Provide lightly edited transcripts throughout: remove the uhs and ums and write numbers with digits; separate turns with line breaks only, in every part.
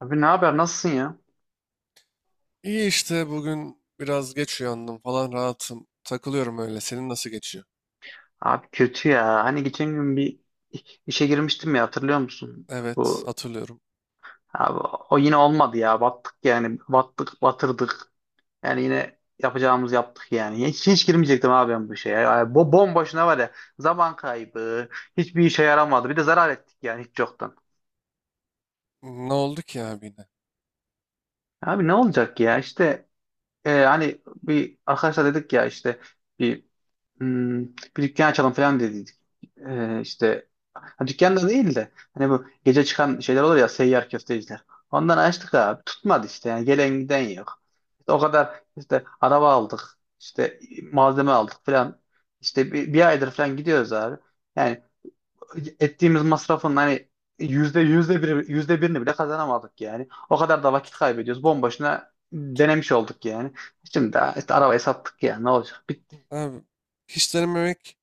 Abi ne haber? Nasılsın ya?
İyi işte bugün biraz geç uyandım falan rahatım. Takılıyorum öyle. Senin nasıl geçiyor?
Abi kötü ya. Hani geçen gün bir işe girmiştim ya, hatırlıyor musun?
Evet,
Bu
hatırlıyorum.
abi, O yine olmadı ya. Battık yani. Battık, batırdık. Yani yine yapacağımız yaptık yani. Hiç girmeyecektim abi ben bu işe ya. Yani, bomboşuna var ya. Zaman kaybı. Hiçbir işe yaramadı. Bir de zarar ettik yani hiç yoktan.
Ne oldu ki abi yine?
Abi ne olacak ya? İşte, hani bir arkadaşlar dedik ya, işte bir Hmm, bir dükkan açalım falan dedik. İşte, ha, dükkan da değil de, hani bu gece çıkan şeyler olur ya, seyyar köfteciler. Ondan açtık abi. Tutmadı işte, yani gelen giden yok. İşte o kadar, işte araba aldık, işte malzeme aldık falan. İşte bir aydır falan gidiyoruz abi. Yani ettiğimiz masrafın hani yüzde birini bile kazanamadık yani. O kadar da vakit kaybediyoruz. Bomboşuna denemiş olduk yani. Şimdi de işte arabayı sattık, yani ne olacak?
Abi hiç denememek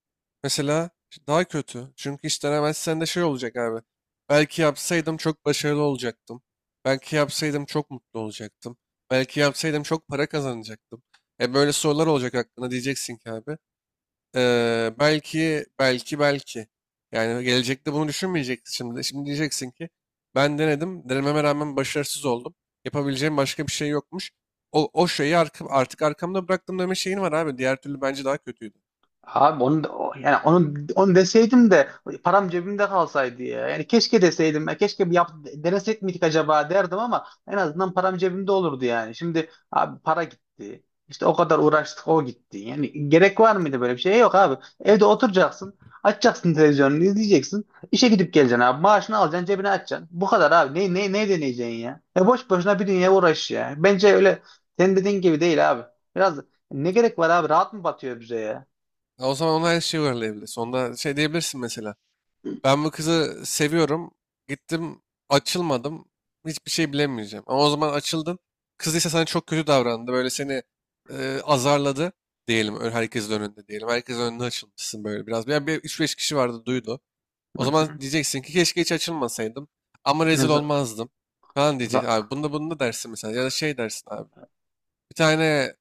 mesela daha kötü. Çünkü hiç denemezsen de şey olacak abi. Belki yapsaydım çok başarılı olacaktım. Belki yapsaydım çok mutlu olacaktım. Belki yapsaydım çok para kazanacaktım. E böyle sorular olacak hakkında diyeceksin ki abi. Belki, belki, belki. Yani gelecekte bunu düşünmeyeceksin şimdi. Şimdi diyeceksin ki ben denedim, denememe rağmen başarısız oldum. Yapabileceğim başka bir şey yokmuş. O şeyi artık arkamda bıraktım deme şeyin var abi. Diğer türlü bence daha kötüydü.
Abi yani onu deseydim de param cebimde kalsaydı ya. Yani keşke deseydim. Ya keşke denesek miydik acaba derdim, ama en azından param cebimde olurdu yani. Şimdi abi para gitti. İşte o kadar uğraştık, o gitti. Yani gerek var mıydı böyle bir şeye? Yok abi. Evde oturacaksın. Açacaksın televizyonunu, izleyeceksin. İşe gidip geleceksin abi. Maaşını alacaksın, cebine açacaksın. Bu kadar abi. Ne deneyeceksin ya? Boş boşuna bir dünya uğraş ya. Bence öyle, senin dediğin gibi değil abi. Biraz, ne gerek var abi? Rahat mı batıyor bize ya?
Ya, o zaman ona her şeyi uyarlayabilirsin. Onda şey diyebilirsin mesela. Ben bu kızı seviyorum. Gittim, açılmadım. Hiçbir şey bilemeyeceğim. Ama o zaman açıldın. Kız ise sana çok kötü davrandı. Böyle seni azarladı diyelim. Herkesin önünde diyelim. Herkesin önünde açılmışsın böyle biraz. Yani bir üç beş kişi vardı, duydu.
Hı
O zaman
hı.
diyeceksin ki keşke hiç açılmasaydım. Ama
Ya
rezil
za-
olmazdım. Falan diyecek.
za-
Abi bunda bunda dersin mesela. Ya da şey dersin abi. Bir tane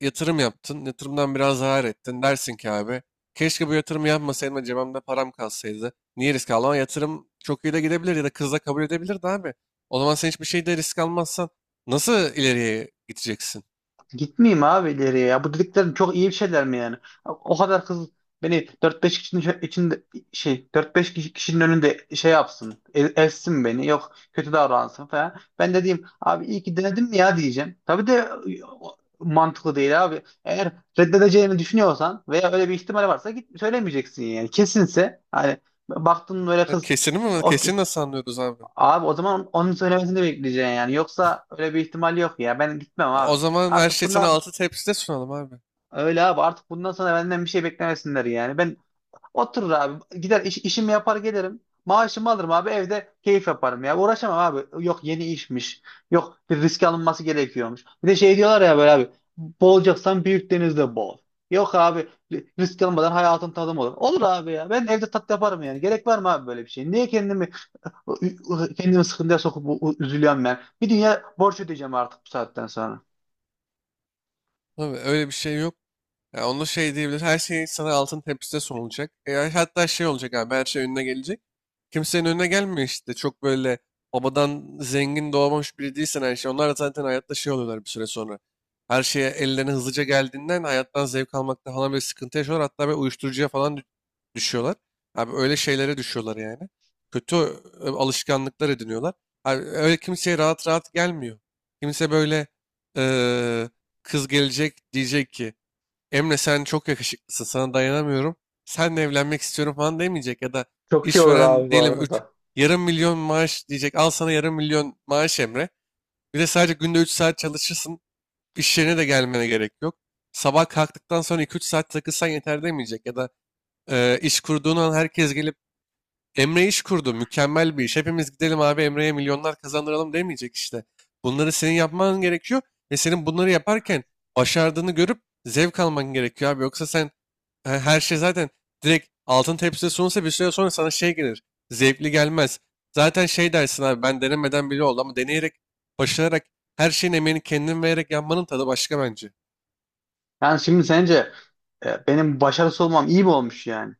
yatırım yaptın. Yatırımdan biraz zarar ettin. Dersin ki abi, keşke bu yatırımı yapmasaydım da cebimde param kalsaydı. Niye risk aldım? Ama yatırım çok iyi de gidebilir ya da kızla kabul edebilirdi abi. O zaman sen hiçbir şeyde risk almazsan nasıl ileriye gideceksin?
Gitmeyeyim abi ileriye ya. Bu dediklerin çok iyi bir şeyler mi yani? O kadar kız beni dört beş kişinin içinde, dört beş kişinin önünde şey yapsın. Ezsin beni. Yok, kötü davransın falan. Ben de diyeyim abi, iyi ki denedim mi ya diyeceğim. Tabii de mantıklı değil abi. Eğer reddedeceğini düşünüyorsan veya öyle bir ihtimal varsa git söylemeyeceksin yani. Kesinse, hani baktın böyle
Ha,
kız.
kesin mi?
o
Kesin nasıl anlıyoruz abi?
Abi o zaman onun söylemesini bekleyeceksin yani. Yoksa öyle bir ihtimal yok ya. Ben gitmem
O
abi.
o zaman her
Artık
şey sana
bundan
altı tepside sunalım abi.
öyle abi. Artık bundan sonra benden bir şey beklemesinler yani. Ben oturur abi. Gider işimi yapar gelirim. Maaşımı alırım abi. Evde keyif yaparım ya. Uğraşamam abi. Yok, yeni işmiş. Yok, bir risk alınması gerekiyormuş. Bir de şey diyorlar ya böyle abi. Boğulacaksan büyük denizde boğul. Yok abi, risk almadan hayatın tadım olur. Olur abi ya. Ben evde tat yaparım yani. Gerek var mı abi böyle bir şey? Niye kendimi sıkıntıya sokup üzülüyorum ben. Bir dünya borç ödeyeceğim artık bu saatten sonra.
Abi öyle bir şey yok. Ya onu şey diyebilir. Her şey sana altın tepside sunulacak. E, ya hatta şey olacak abi, her şey önüne gelecek. Kimsenin önüne gelmiyor işte. Çok böyle babadan zengin doğmamış biri değilsen her şey. Onlar da zaten hayatta şey oluyorlar bir süre sonra. Her şeye ellerine hızlıca geldiğinden hayattan zevk almakta falan bir sıkıntı yaşıyorlar. Hatta böyle uyuşturucuya falan düşüyorlar. Abi öyle şeylere düşüyorlar yani. Kötü alışkanlıklar ediniyorlar. Abi öyle kimseye rahat rahat gelmiyor. Kimse böyle e, kız gelecek diyecek ki Emre, sen çok yakışıklısın, sana dayanamıyorum. Seninle evlenmek istiyorum falan demeyecek, ya da
Çok iyi olur abi
işveren
bu
diyelim 3
arada.
yarım milyon maaş diyecek. Al sana yarım milyon maaş Emre. Bir de sadece günde 3 saat çalışırsın. İş yerine de gelmene gerek yok. Sabah kalktıktan sonra iki üç saat takılsan yeter demeyecek, ya da iş kurduğun an herkes gelip Emre iş kurdu, mükemmel bir iş. Hepimiz gidelim abi Emre'ye milyonlar kazandıralım demeyecek işte. Bunları senin yapman gerekiyor ve senin bunları yaparken başardığını görüp zevk alman gerekiyor abi. Yoksa sen her şey zaten direkt altın tepside sunulsa bir süre sonra sana şey gelir. Zevkli gelmez. Zaten şey dersin abi, ben denemeden bile oldu ama deneyerek, başararak, her şeyin emeğini kendin vererek yapmanın tadı başka bence.
Yani şimdi sence benim başarısız olmam iyi mi olmuş yani?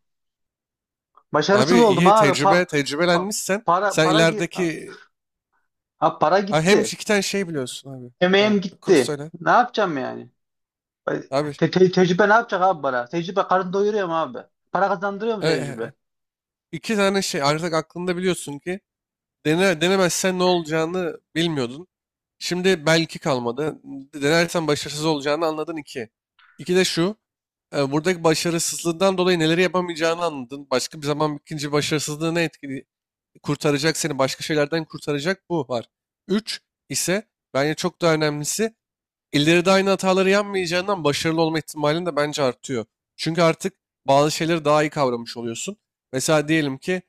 Başarısız
Abi
oldum
iyi
abi. Pa-
tecrübelenmişsen
para
sen
para gi-
ilerideki.
ha, para
Ha, hem
gitti.
iki tane şey biliyorsun abi. Ha,
Emeğim gitti.
söyle.
Ne yapacağım yani?
Abi
Tecrübe ne yapacak abi, para? Tecrübe karın doyuruyor mu abi? Para kazandırıyor mu
e, e,
tecrübe?
iki tane şey artık aklında biliyorsun ki denemezsen ne olacağını bilmiyordun. Şimdi belki kalmadı. Denersen başarısız olacağını anladın iki. İki de şu. Buradaki başarısızlığından dolayı neleri yapamayacağını anladın. Başka bir zaman ikinci başarısızlığı ne etkili kurtaracak, seni başka şeylerden kurtaracak bu var. Üç ise bence çok daha önemlisi, İleride aynı hataları yapmayacağından başarılı olma ihtimalin de bence artıyor. Çünkü artık bazı şeyleri daha iyi kavramış oluyorsun. Mesela diyelim ki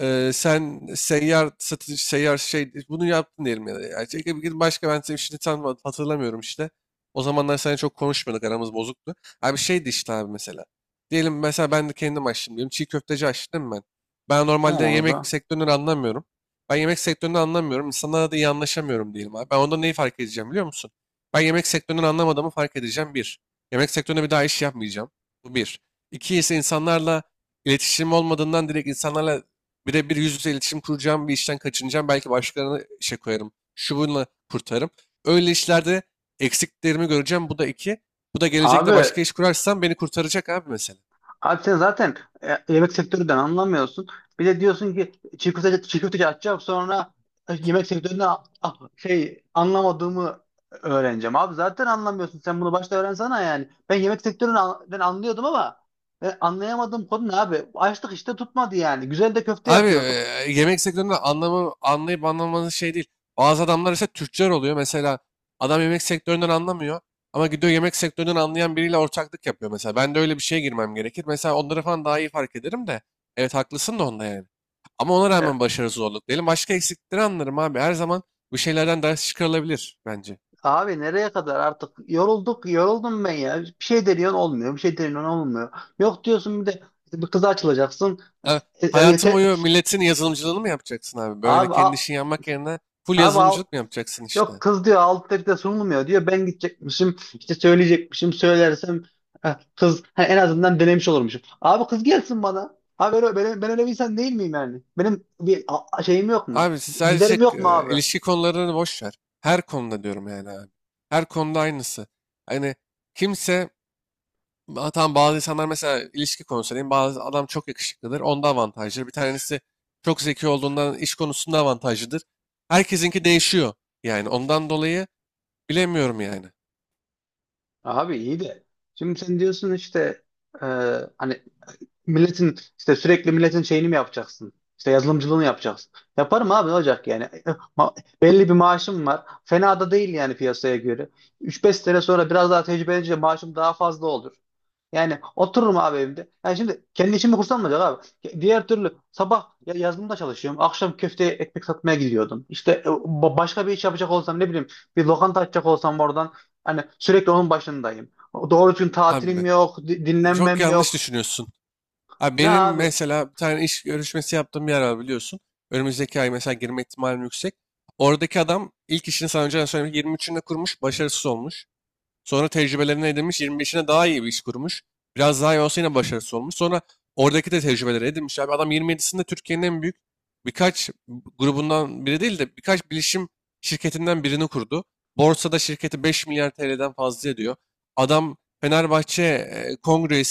sen seyyar şey bunu yaptın diyelim, ya da. Yani şey, bir başka ben senin işini tam hatırlamıyorum işte. O zamanlar seninle çok konuşmuyorduk, aramız bozuktu. Abi şeydi işte abi mesela. Diyelim mesela ben de kendim açtım diyelim. Çiğ köfteci açtım değil mi ben. Ben
Tamam
normalde
abi.
yemek sektöründen anlamıyorum. Ben yemek sektöründen anlamıyorum. İnsanlarla da iyi anlaşamıyorum diyelim abi. Ben onda neyi fark edeceğim biliyor musun? Ben yemek sektöründen anlamadığımı fark edeceğim. Bir, yemek sektöründe bir daha iş yapmayacağım. Bu bir. İki ise insanlarla iletişim olmadığından direkt insanlarla birebir yüz yüze iletişim kuracağım bir işten kaçınacağım. Belki başkalarına işe koyarım. Şu bununla kurtarım. Öyle işlerde eksiklerimi göreceğim. Bu da iki. Bu da
Abi
gelecekte başka iş kurarsam beni kurtaracak abi mesela.
Abi sen zaten yemek sektöründen anlamıyorsun. Bir de diyorsun ki çiğ köfteci açacağım, sonra yemek sektöründe anlamadığımı öğreneceğim. Abi zaten anlamıyorsun. Sen bunu başta öğrensene yani. Ben yemek sektöründen anlıyordum ama anlayamadığım konu ne abi? Açtık işte, tutmadı yani. Güzel de köfte
Abi
yapıyorduk.
yemek sektöründe anlayıp anlamanın şey değil. Bazı adamlar ise tüccar oluyor. Mesela adam yemek sektöründen anlamıyor ama gidiyor yemek sektöründen anlayan biriyle ortaklık yapıyor mesela. Ben de öyle bir şeye girmem gerekir. Mesela onları falan daha iyi fark ederim de. Evet, haklısın da onda yani. Ama ona
E,
rağmen başarı zorluk diyelim. Başka eksikleri anlarım abi. Her zaman bu şeylerden ders çıkarılabilir bence.
abi nereye kadar, artık yoruldum ben ya. Bir şey deniyorsun, olmuyor. Bir şey deniyorsun, olmuyor. Yok, diyorsun bir de bir kıza açılacaksın.
Yani hayatın
Yeter.
boyu milletin yazılımcılığını mı yapacaksın abi? Böyle
Abi
kendi
a-
işini yapmak yerine full
Abi al,
yazılımcılık mı yapacaksın işte?
yok, kız diyor altta de sunulmuyor diyor. Ben gidecekmişim, işte söyleyecekmişim, söylersem ha, kız en azından denemiş olurmuşum. Abi kız gelsin bana. Abi ben öyle bir insan değil miyim yani? Benim bir şeyim yok mu?
Abi sadece
Giderim yok mu abi?
ilişki konularını boş ver. Her konuda diyorum yani abi. Her konuda aynısı. Hani kimse. Ha, tamam, bazı insanlar mesela ilişki konusu diyeyim, bazı adam çok yakışıklıdır. Onda avantajlıdır. Bir tanesi çok zeki olduğundan iş konusunda avantajlıdır. Herkesinki değişiyor. Yani ondan dolayı bilemiyorum yani.
Abi iyi de. Şimdi sen diyorsun işte, e, hani işte sürekli milletin şeyini mi yapacaksın? İşte yazılımcılığını yapacaksın. Yaparım abi, ne olacak yani? Belli bir maaşım var. Fena da değil yani, piyasaya göre. Üç beş sene sonra biraz daha tecrübelenince maaşım daha fazla olur. Yani otururum abi evimde. Yani şimdi kendi işimi kursam mı olacak abi? Diğer türlü sabah yazılımda çalışıyorum. Akşam köfte ekmek satmaya gidiyordum. İşte başka bir iş yapacak olsam, ne bileyim, bir lokanta açacak olsam oradan, hani sürekli onun başındayım. Doğru düzgün tatilim
Abi
yok,
çok
dinlenmem
yanlış
yok.
düşünüyorsun. Abi
Ne
benim
abi?
mesela bir tane iş görüşmesi yaptığım bir yer var biliyorsun. Önümüzdeki ay mesela girme ihtimalim yüksek. Oradaki adam ilk işini sana önceden söylemiş. 23'ünde kurmuş, başarısız olmuş. Sonra tecrübelerini edinmiş, 25'ine daha iyi bir iş kurmuş. Biraz daha iyi olsa yine başarısı olmuş. Sonra oradaki de tecrübeleri edinmiş. Abi adam 27'sinde Türkiye'nin en büyük birkaç grubundan biri değil de birkaç bilişim şirketinden birini kurdu. Borsada şirketi 5 milyar TL'den fazla ediyor. Adam Fenerbahçe kongre,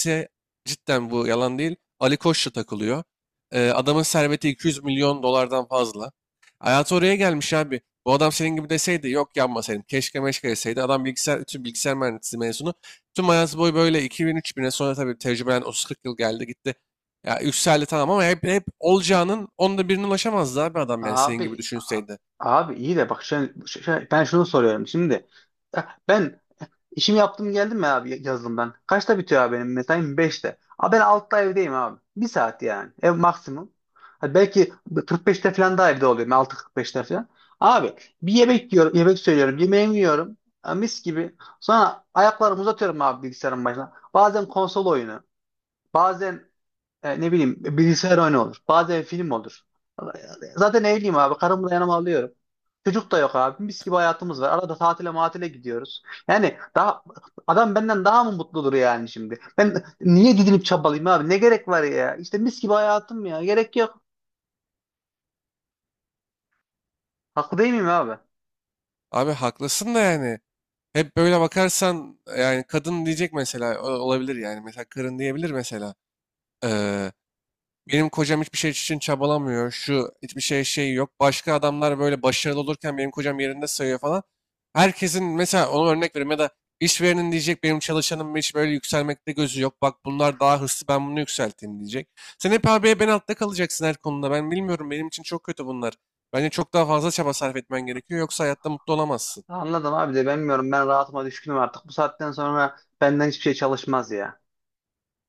cidden bu yalan değil. Ali Koç'la takılıyor. E, adamın serveti 200 milyon dolardan fazla. Hayatı oraya gelmiş abi. Bu adam senin gibi deseydi, yok yanmasaydım keşke meşke deseydi. Adam bütün bilgisayar mühendisliği mezunu. Tüm hayatı boyu böyle 2000 bin'e sonra tabii tecrübelen 30-40 yıl geldi gitti. Ya yükseldi tamam, ama hep olacağının onda birine ulaşamazdı abi adam yani senin gibi
Abi a-
düşünseydi.
abi iyi de bak, ben şunu soruyorum şimdi. Ya ben işimi yaptım geldim mi abi yazılımdan? Kaçta bitiyor abi benim mesaim? 5'te. Abi ben 6'da evdeyim abi. Bir saat yani. Ev maksimum. Ha Belki 45'te falan da evde oluyorum. 6:45'te falan. Abi bir yemek yiyorum, yemek söylüyorum. Yemeğimi yiyorum. Ha, Mis gibi. Sonra ayaklarımı uzatıyorum abi bilgisayarın başına. Bazen konsol oyunu. Bazen ne bileyim bilgisayar oyunu olur. Bazen film olur. Zaten evliyim abi. Karımı da yanıma alıyorum. Çocuk da yok abi. Mis gibi hayatımız var. Arada tatile matile gidiyoruz. Yani daha, adam benden daha mı mutludur yani şimdi? Ben niye didinip çabalayayım abi? Ne gerek var ya? İşte mis gibi hayatım ya. Gerek yok. Haklı değil miyim abi?
Abi haklısın da yani. Hep böyle bakarsan yani kadın diyecek mesela olabilir yani. Mesela karın diyebilir mesela. Benim kocam hiçbir şey için çabalamıyor. Şu hiçbir şey şey yok. Başka adamlar böyle başarılı olurken benim kocam yerinde sayıyor falan. Herkesin mesela ona örnek vereyim, ya da işverenin diyecek benim çalışanım hiç böyle yükselmekte gözü yok. Bak bunlar daha hırslı, ben bunu yükselteyim diyecek. Sen hep abiye ben altta kalacaksın her konuda. Ben bilmiyorum, benim için çok kötü bunlar. Bence çok daha fazla çaba sarf etmen gerekiyor, yoksa hayatta mutlu olamazsın.
Anladım abi de, bilmiyorum. Ben rahatıma düşkünüm artık. Bu saatten sonra benden hiçbir şey çalışmaz ya.